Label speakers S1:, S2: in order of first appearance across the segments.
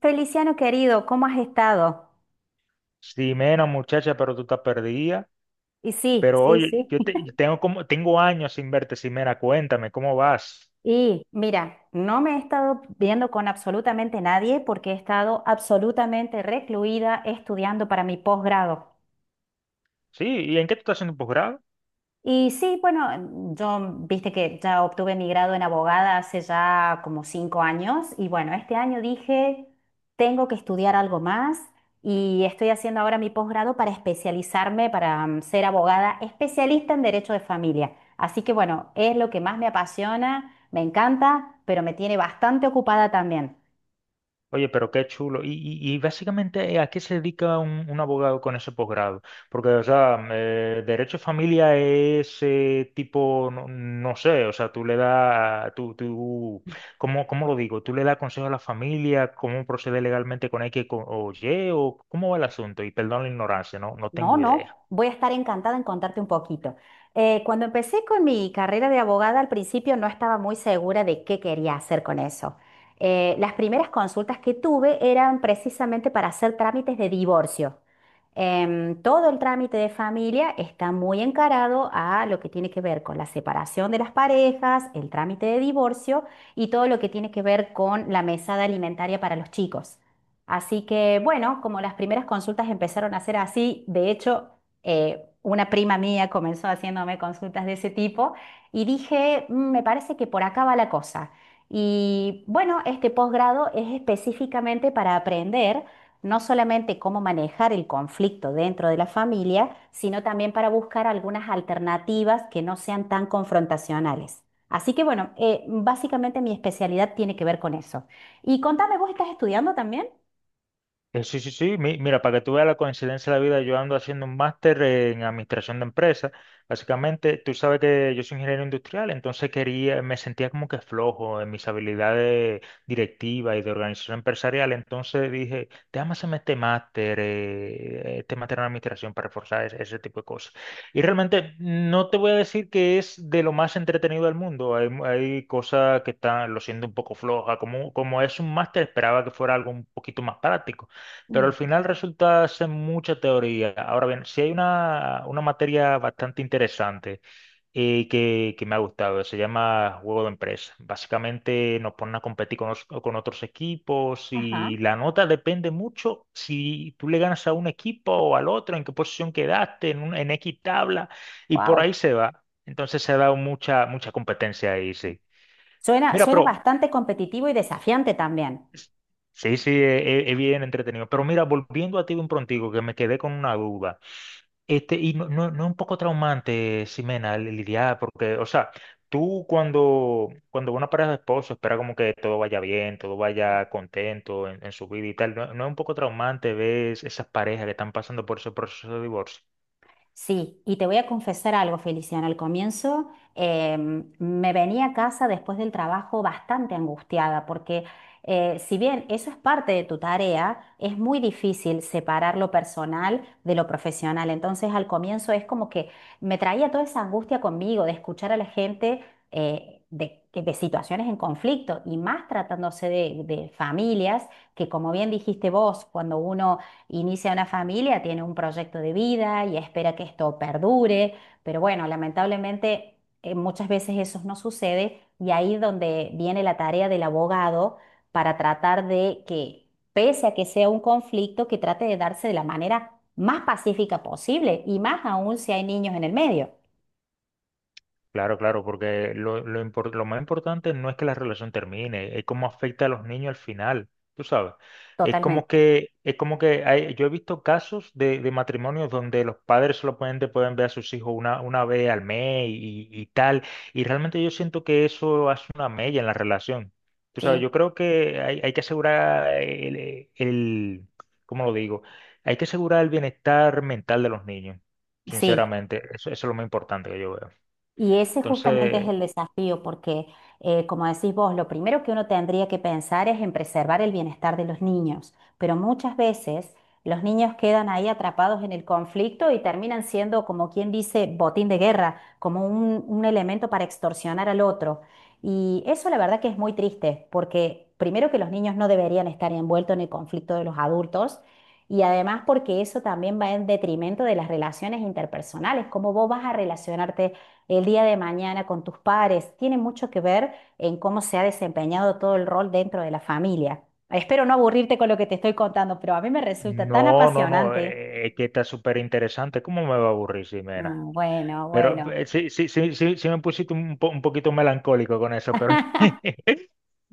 S1: Feliciano querido, ¿cómo has estado?
S2: Sí, menos muchacha, pero tú estás perdida.
S1: Y sí,
S2: Pero
S1: sí,
S2: oye,
S1: sí.
S2: yo tengo como, tengo años sin verte, Simena, cuéntame, ¿cómo vas?
S1: Y mira, no me he estado viendo con absolutamente nadie porque he estado absolutamente recluida estudiando para mi posgrado.
S2: Sí, ¿y en qué tú estás haciendo un posgrado?
S1: Y sí, bueno, yo viste que ya obtuve mi grado en abogada hace ya como 5 años y bueno, este año dije, tengo que estudiar algo más y estoy haciendo ahora mi posgrado para especializarme, para ser abogada especialista en derecho de familia. Así que bueno, es lo que más me apasiona, me encanta, pero me tiene bastante ocupada también.
S2: Oye, pero qué chulo. Y básicamente, ¿a qué se dedica un abogado con ese posgrado? Porque, o sea, derecho de familia es tipo, no, no sé, o sea, tú le das, tú, cómo lo digo? ¿Tú le das consejo a la familia? ¿Cómo procede legalmente con o Y? ¿O cómo va el asunto? Y perdón la ignorancia, no, no
S1: No,
S2: tengo idea.
S1: no, voy a estar encantada en contarte un poquito. Cuando empecé con mi carrera de abogada, al principio no estaba muy segura de qué quería hacer con eso. Las primeras consultas que tuve eran precisamente para hacer trámites de divorcio. Todo el trámite de familia está muy encarado a lo que tiene que ver con la separación de las parejas, el trámite de divorcio y todo lo que tiene que ver con la mesada alimentaria para los chicos. Así que bueno, como las primeras consultas empezaron a ser así, de hecho, una prima mía comenzó haciéndome consultas de ese tipo y dije, "Mm, me parece que por acá va la cosa. Y bueno, este posgrado es específicamente para aprender no solamente cómo manejar el conflicto dentro de la familia, sino también para buscar algunas alternativas que no sean tan confrontacionales. Así que bueno, básicamente mi especialidad tiene que ver con eso. Y contame, ¿vos estás estudiando también?
S2: Sí, sí, sí. Mira, para que tú veas la coincidencia de la vida, yo ando haciendo un máster en administración de empresas. Básicamente, tú sabes que yo soy ingeniero industrial, entonces quería, me sentía como que flojo en mis habilidades directivas y de organización empresarial. Entonces dije, déjame hacerme este máster en administración para reforzar ese tipo de cosas. Y realmente no te voy a decir que es de lo más entretenido del mundo. Hay, hay cosas que están, lo siento un poco floja. Como es un máster, esperaba que fuera algo un poquito más práctico, pero al
S1: Mm.
S2: final resulta ser mucha teoría. Ahora bien, si hay una materia bastante interesante que me ha gustado, se llama Juego de Empresa. Básicamente nos ponen a competir con, con otros equipos
S1: Ajá.
S2: y la nota depende mucho si tú le ganas a un equipo o al otro, en qué posición quedaste, en, en X tabla, y por
S1: Wow.
S2: ahí se va. Entonces se ha dado mucha, mucha competencia ahí, sí.
S1: Suena,
S2: Mira,
S1: suena
S2: pero...
S1: bastante competitivo y desafiante también.
S2: Sí, sí, es bien entretenido. Pero mira, volviendo a ti de un prontigo, que me quedé con una duda. Este, y no, no, ¿no es un poco traumante, Ximena, lidiar? Porque, o sea, tú cuando una pareja de esposos espera como que todo vaya bien, todo vaya contento en su vida y tal, ¿no, no es un poco traumante ver esas parejas que están pasando por ese proceso de divorcio?
S1: Sí, y te voy a confesar algo, Feliciana. Al comienzo me venía a casa después del trabajo bastante angustiada porque si bien eso es parte de tu tarea, es muy difícil separar lo personal de lo profesional. Entonces al comienzo es como que me traía toda esa angustia conmigo de escuchar a la gente de situaciones en conflicto y más tratándose de familias que, como bien dijiste vos, cuando uno inicia una familia, tiene un proyecto de vida y espera que esto perdure, pero bueno, lamentablemente muchas veces eso no sucede y ahí es donde viene la tarea del abogado para tratar de que, pese a que sea un conflicto, que trate de darse de la manera más pacífica posible y más aún si hay niños en el medio.
S2: Claro, claro, porque lo más importante no es que la relación termine, es cómo afecta a los niños al final, tú sabes.
S1: Totalmente,
S2: Es como que yo he visto casos de matrimonios donde los padres solamente pueden ver a sus hijos una vez al mes y tal, y realmente yo siento que eso hace una mella en la relación. Tú sabes,
S1: sí,
S2: yo creo que hay que asegurar el, ¿cómo lo digo? Hay que asegurar el bienestar mental de los niños,
S1: sí.
S2: sinceramente, eso es lo más importante que yo veo.
S1: Y ese justamente es
S2: Entonces,
S1: el desafío, porque como decís vos, lo primero que uno tendría que pensar es en preservar el bienestar de los niños, pero muchas veces los niños quedan ahí atrapados en el conflicto y terminan siendo, como quien dice, botín de guerra, como un elemento para extorsionar al otro. Y eso la verdad que es muy triste, porque primero que los niños no deberían estar envueltos en el conflicto de los adultos. Y además porque eso también va en detrimento de las relaciones interpersonales, cómo vos vas a relacionarte el día de mañana con tus pares. Tiene mucho que ver en cómo se ha desempeñado todo el rol dentro de la familia. Espero no aburrirte con lo que te estoy contando, pero a mí me resulta tan
S2: no, no, no,
S1: apasionante.
S2: es que está súper interesante. ¿Cómo me va a aburrir,
S1: Ah,
S2: Ximena?
S1: bueno,
S2: Pero
S1: bueno,
S2: sí, sí, sí, sí, sí me pusiste un, un poquito melancólico con eso, pero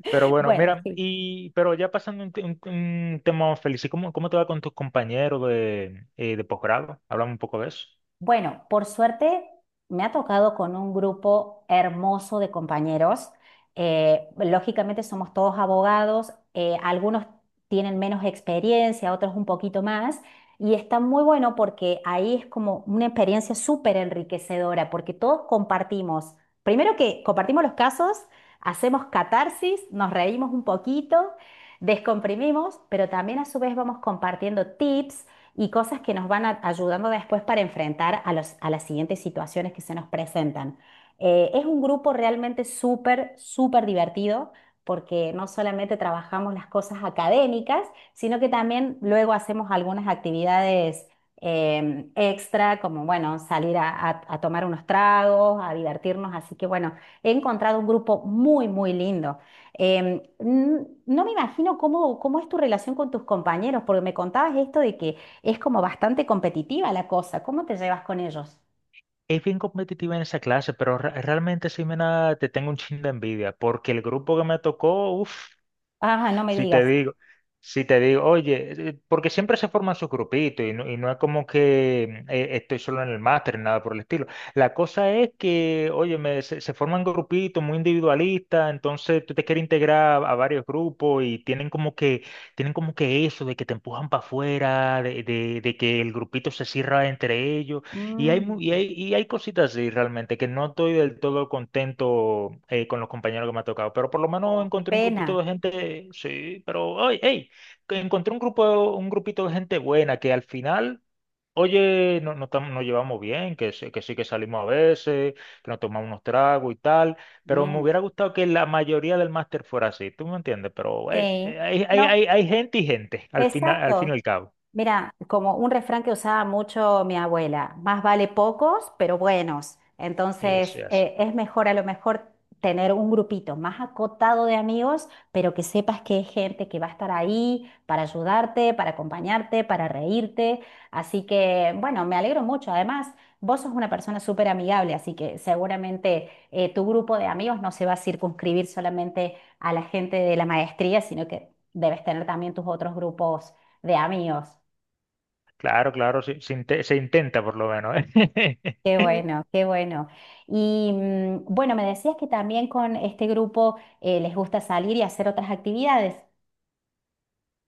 S2: pero bueno,
S1: bueno,
S2: mira,
S1: sí.
S2: pero ya pasando un, un tema más feliz, ¿y cómo te va con tus compañeros de posgrado? Hablamos un poco de eso.
S1: Bueno, por suerte me ha tocado con un grupo hermoso de compañeros. Lógicamente somos todos abogados, algunos tienen menos experiencia, otros un poquito más, y está muy bueno porque ahí es como una experiencia súper enriquecedora, porque todos compartimos, primero que compartimos los casos, hacemos catarsis, nos reímos un poquito, descomprimimos, pero también a su vez vamos compartiendo tips y cosas que nos van a- ayudando después para enfrentar a los- a las siguientes situaciones que se nos presentan. Es un grupo realmente súper, súper divertido porque no solamente trabajamos las cosas académicas, sino que también luego hacemos algunas actividades extra, como bueno, salir a tomar unos tragos, a divertirnos. Así que bueno, he encontrado un grupo muy, muy lindo. N- no me imagino cómo, cómo es tu relación con tus compañeros, porque me contabas esto de que es como bastante competitiva la cosa. ¿Cómo te llevas con ellos?
S2: Es bien competitiva en esa clase, pero realmente, Ximena, te tengo un chin de envidia, porque el grupo que me tocó, uff.
S1: Ah, no me
S2: Si te
S1: digas.
S2: digo, si te digo, oye, porque siempre se forman sus grupitos y no es como que estoy solo en el máster, nada por el estilo. La cosa es que, oye, se forman grupitos muy individualistas, entonces tú te quieres integrar a varios grupos y tienen como que eso de que te empujan para afuera, de, de que el grupito se cierra entre ellos. Y hay, y
S1: Mm.
S2: hay, y hay cositas así realmente que no estoy del todo contento con los compañeros que me ha tocado, pero por lo menos
S1: Oh, qué
S2: encontré un grupito
S1: pena.
S2: de gente, sí, pero, oye, hey, que encontré un grupo, un grupito de gente buena que al final, oye, no, nos llevamos bien, que sí que salimos a veces, que nos tomamos unos tragos y tal, pero me
S1: Bien.
S2: hubiera gustado que la mayoría del máster fuera así, ¿tú me entiendes? Pero, hey,
S1: Sí. No,
S2: hay gente y gente, al final, al fin y
S1: exacto.
S2: al cabo.
S1: Mira, como un refrán que usaba mucho mi abuela, más vale pocos, pero buenos.
S2: Eso
S1: Entonces,
S2: es así.
S1: es mejor a lo mejor tener un grupito más acotado de amigos, pero que sepas que es gente que va a estar ahí para ayudarte, para acompañarte, para reírte. Así que, bueno, me alegro mucho. Además, vos sos una persona súper amigable, así que seguramente tu grupo de amigos no se va a circunscribir solamente a la gente de la maestría, sino que debes tener también tus otros grupos de amigos.
S2: Claro, claro, sí, se intenta por lo menos, ¿eh?
S1: Qué bueno, qué bueno. Y bueno, me decías que también con este grupo les gusta salir y hacer otras actividades.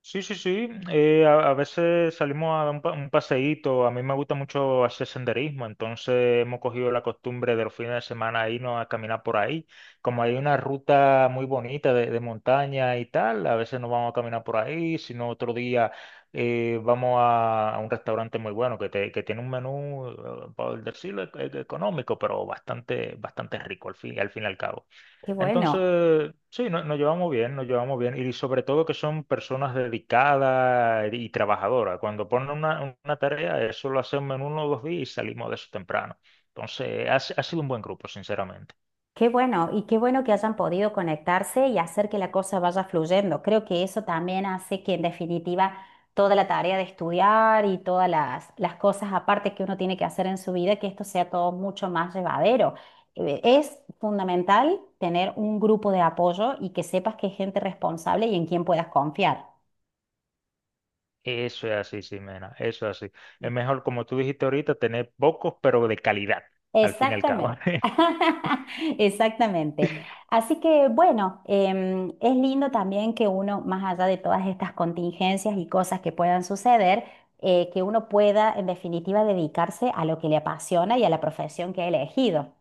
S2: Sí, sí, sí. A veces salimos a dar un, un paseíto. A mí me gusta mucho hacer senderismo, entonces hemos cogido la costumbre de los fines de semana irnos a caminar por ahí. Como hay una ruta muy bonita de montaña y tal, a veces nos vamos a caminar por ahí, si no otro día vamos a un restaurante muy bueno que tiene un menú, por decirlo, económico, pero bastante, bastante rico al fin y al cabo.
S1: Qué bueno,
S2: Entonces, sí, nos llevamos bien, nos llevamos bien. Y sobre todo que son personas dedicadas y trabajadoras. Cuando ponen una tarea, eso lo hacemos en uno o dos días y salimos de eso temprano. Entonces, ha, si- ha sido un buen grupo, sinceramente.
S1: qué bueno. Y qué bueno que hayan podido conectarse y hacer que la cosa vaya fluyendo. Creo que eso también hace que en definitiva toda la tarea de estudiar y todas las cosas aparte que uno tiene que hacer en su vida, que esto sea todo mucho más llevadero. Es fundamental tener un grupo de apoyo y que sepas que es gente responsable y en quien puedas confiar.
S2: Eso es así, Ximena, eso es así. Es mejor, como tú dijiste ahorita, tener pocos, pero de calidad, al fin y al cabo.
S1: Exactamente. Exactamente. Así que bueno, es lindo también que uno, más allá de todas estas contingencias y cosas que puedan suceder, que uno pueda, en definitiva, dedicarse a lo que le apasiona y a la profesión que ha elegido.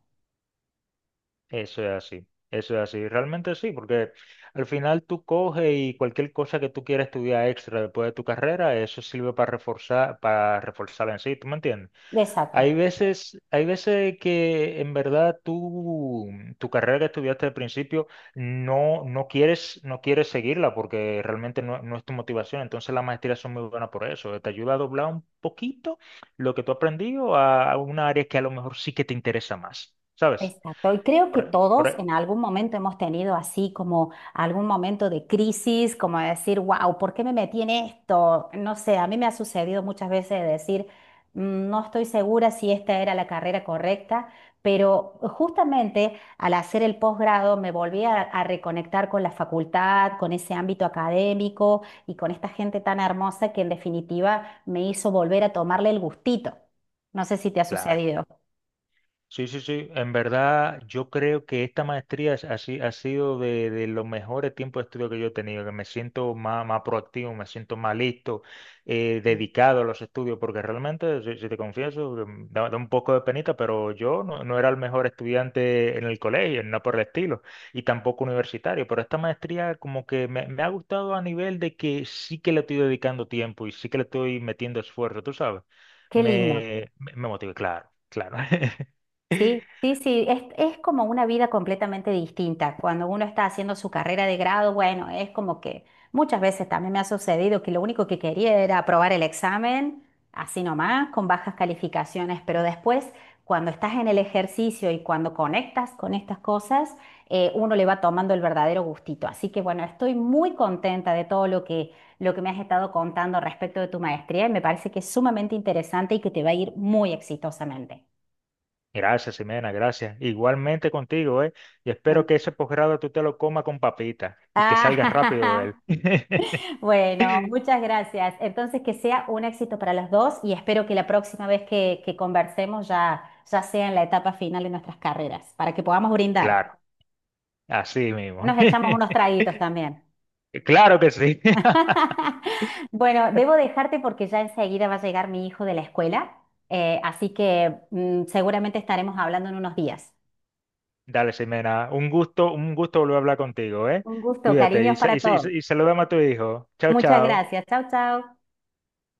S2: Eso es así, realmente sí, porque al final tú coges y cualquier cosa que tú quieras estudiar extra después de tu carrera, eso sirve para reforzar, para reforzarla en sí, ¿tú me entiendes?
S1: Exacto.
S2: Hay veces que en verdad tú, tu carrera que estudiaste al principio no, no quieres, no quieres seguirla porque realmente no, no es tu motivación, entonces las maestrías son muy buenas por eso, te ayuda a doblar un poquito lo que tú has aprendido a una área que a lo mejor sí que te interesa más, ¿sabes?
S1: Exacto, y creo que
S2: Por, por-
S1: todos
S2: e,
S1: en algún momento hemos tenido así como algún momento de crisis, como de decir, wow, ¿por qué me metí en esto? No sé, a mí me ha sucedido muchas veces de decir, "Mm, no estoy segura si esta era la carrera correcta, pero justamente al hacer el posgrado me volví a reconectar con la facultad, con ese ámbito académico y con esta gente tan hermosa que en definitiva me hizo volver a tomarle el gustito. No sé si te ha
S2: Claro.
S1: sucedido.
S2: Sí, sí, sí. En verdad, yo creo que esta maestría es- ha, si- ha sido de los mejores tiempos de estudio que yo he tenido, que me siento más, más proactivo, me siento más listo, dedicado a los estudios, porque realmente, si, si te confieso, da, da un poco de penita, pero yo no, no era el mejor estudiante en el colegio, no por el estilo, y tampoco universitario, pero esta maestría como que me ha gustado a nivel de que sí que le estoy dedicando tiempo y sí que le estoy metiendo esfuerzo, tú sabes.
S1: Qué lindo.
S2: Me motiva, claro, claro.
S1: Sí, sí, sí, es como una vida completamente distinta. Cuando uno está haciendo su carrera de grado, bueno, es como que muchas veces también me ha sucedido que lo único que quería era aprobar el examen, así nomás, con bajas calificaciones, pero después, cuando estás en el ejercicio y cuando conectas con estas cosas, uno le va tomando el verdadero gustito. Así que bueno, estoy muy contenta de todo lo que me has estado contando respecto de tu maestría y me parece que es sumamente interesante y que te va a ir muy exitosamente.
S2: Gracias, Ximena, gracias. Igualmente contigo, ¿eh? Y espero que ese posgrado tú te lo comas con papita y que salgas rápido de
S1: Ah,
S2: él.
S1: bueno, muchas gracias. Entonces, que sea un éxito para los dos y espero que la próxima vez que conversemos ya, ya sea en la etapa final de nuestras carreras, para que podamos brindar.
S2: Claro, así mismo.
S1: Nos echamos unos traguitos también.
S2: Claro que sí.
S1: Bueno, debo dejarte porque ya enseguida va a llegar mi hijo de la escuela, así que seguramente estaremos hablando en unos días.
S2: Dale, Ximena, un gusto volver a hablar contigo, ¿eh?
S1: Un gusto,
S2: Cuídate
S1: cariños
S2: y,
S1: para todos.
S2: saludame a tu hijo. Chao,
S1: Muchas
S2: chao.
S1: gracias. Chao, chao.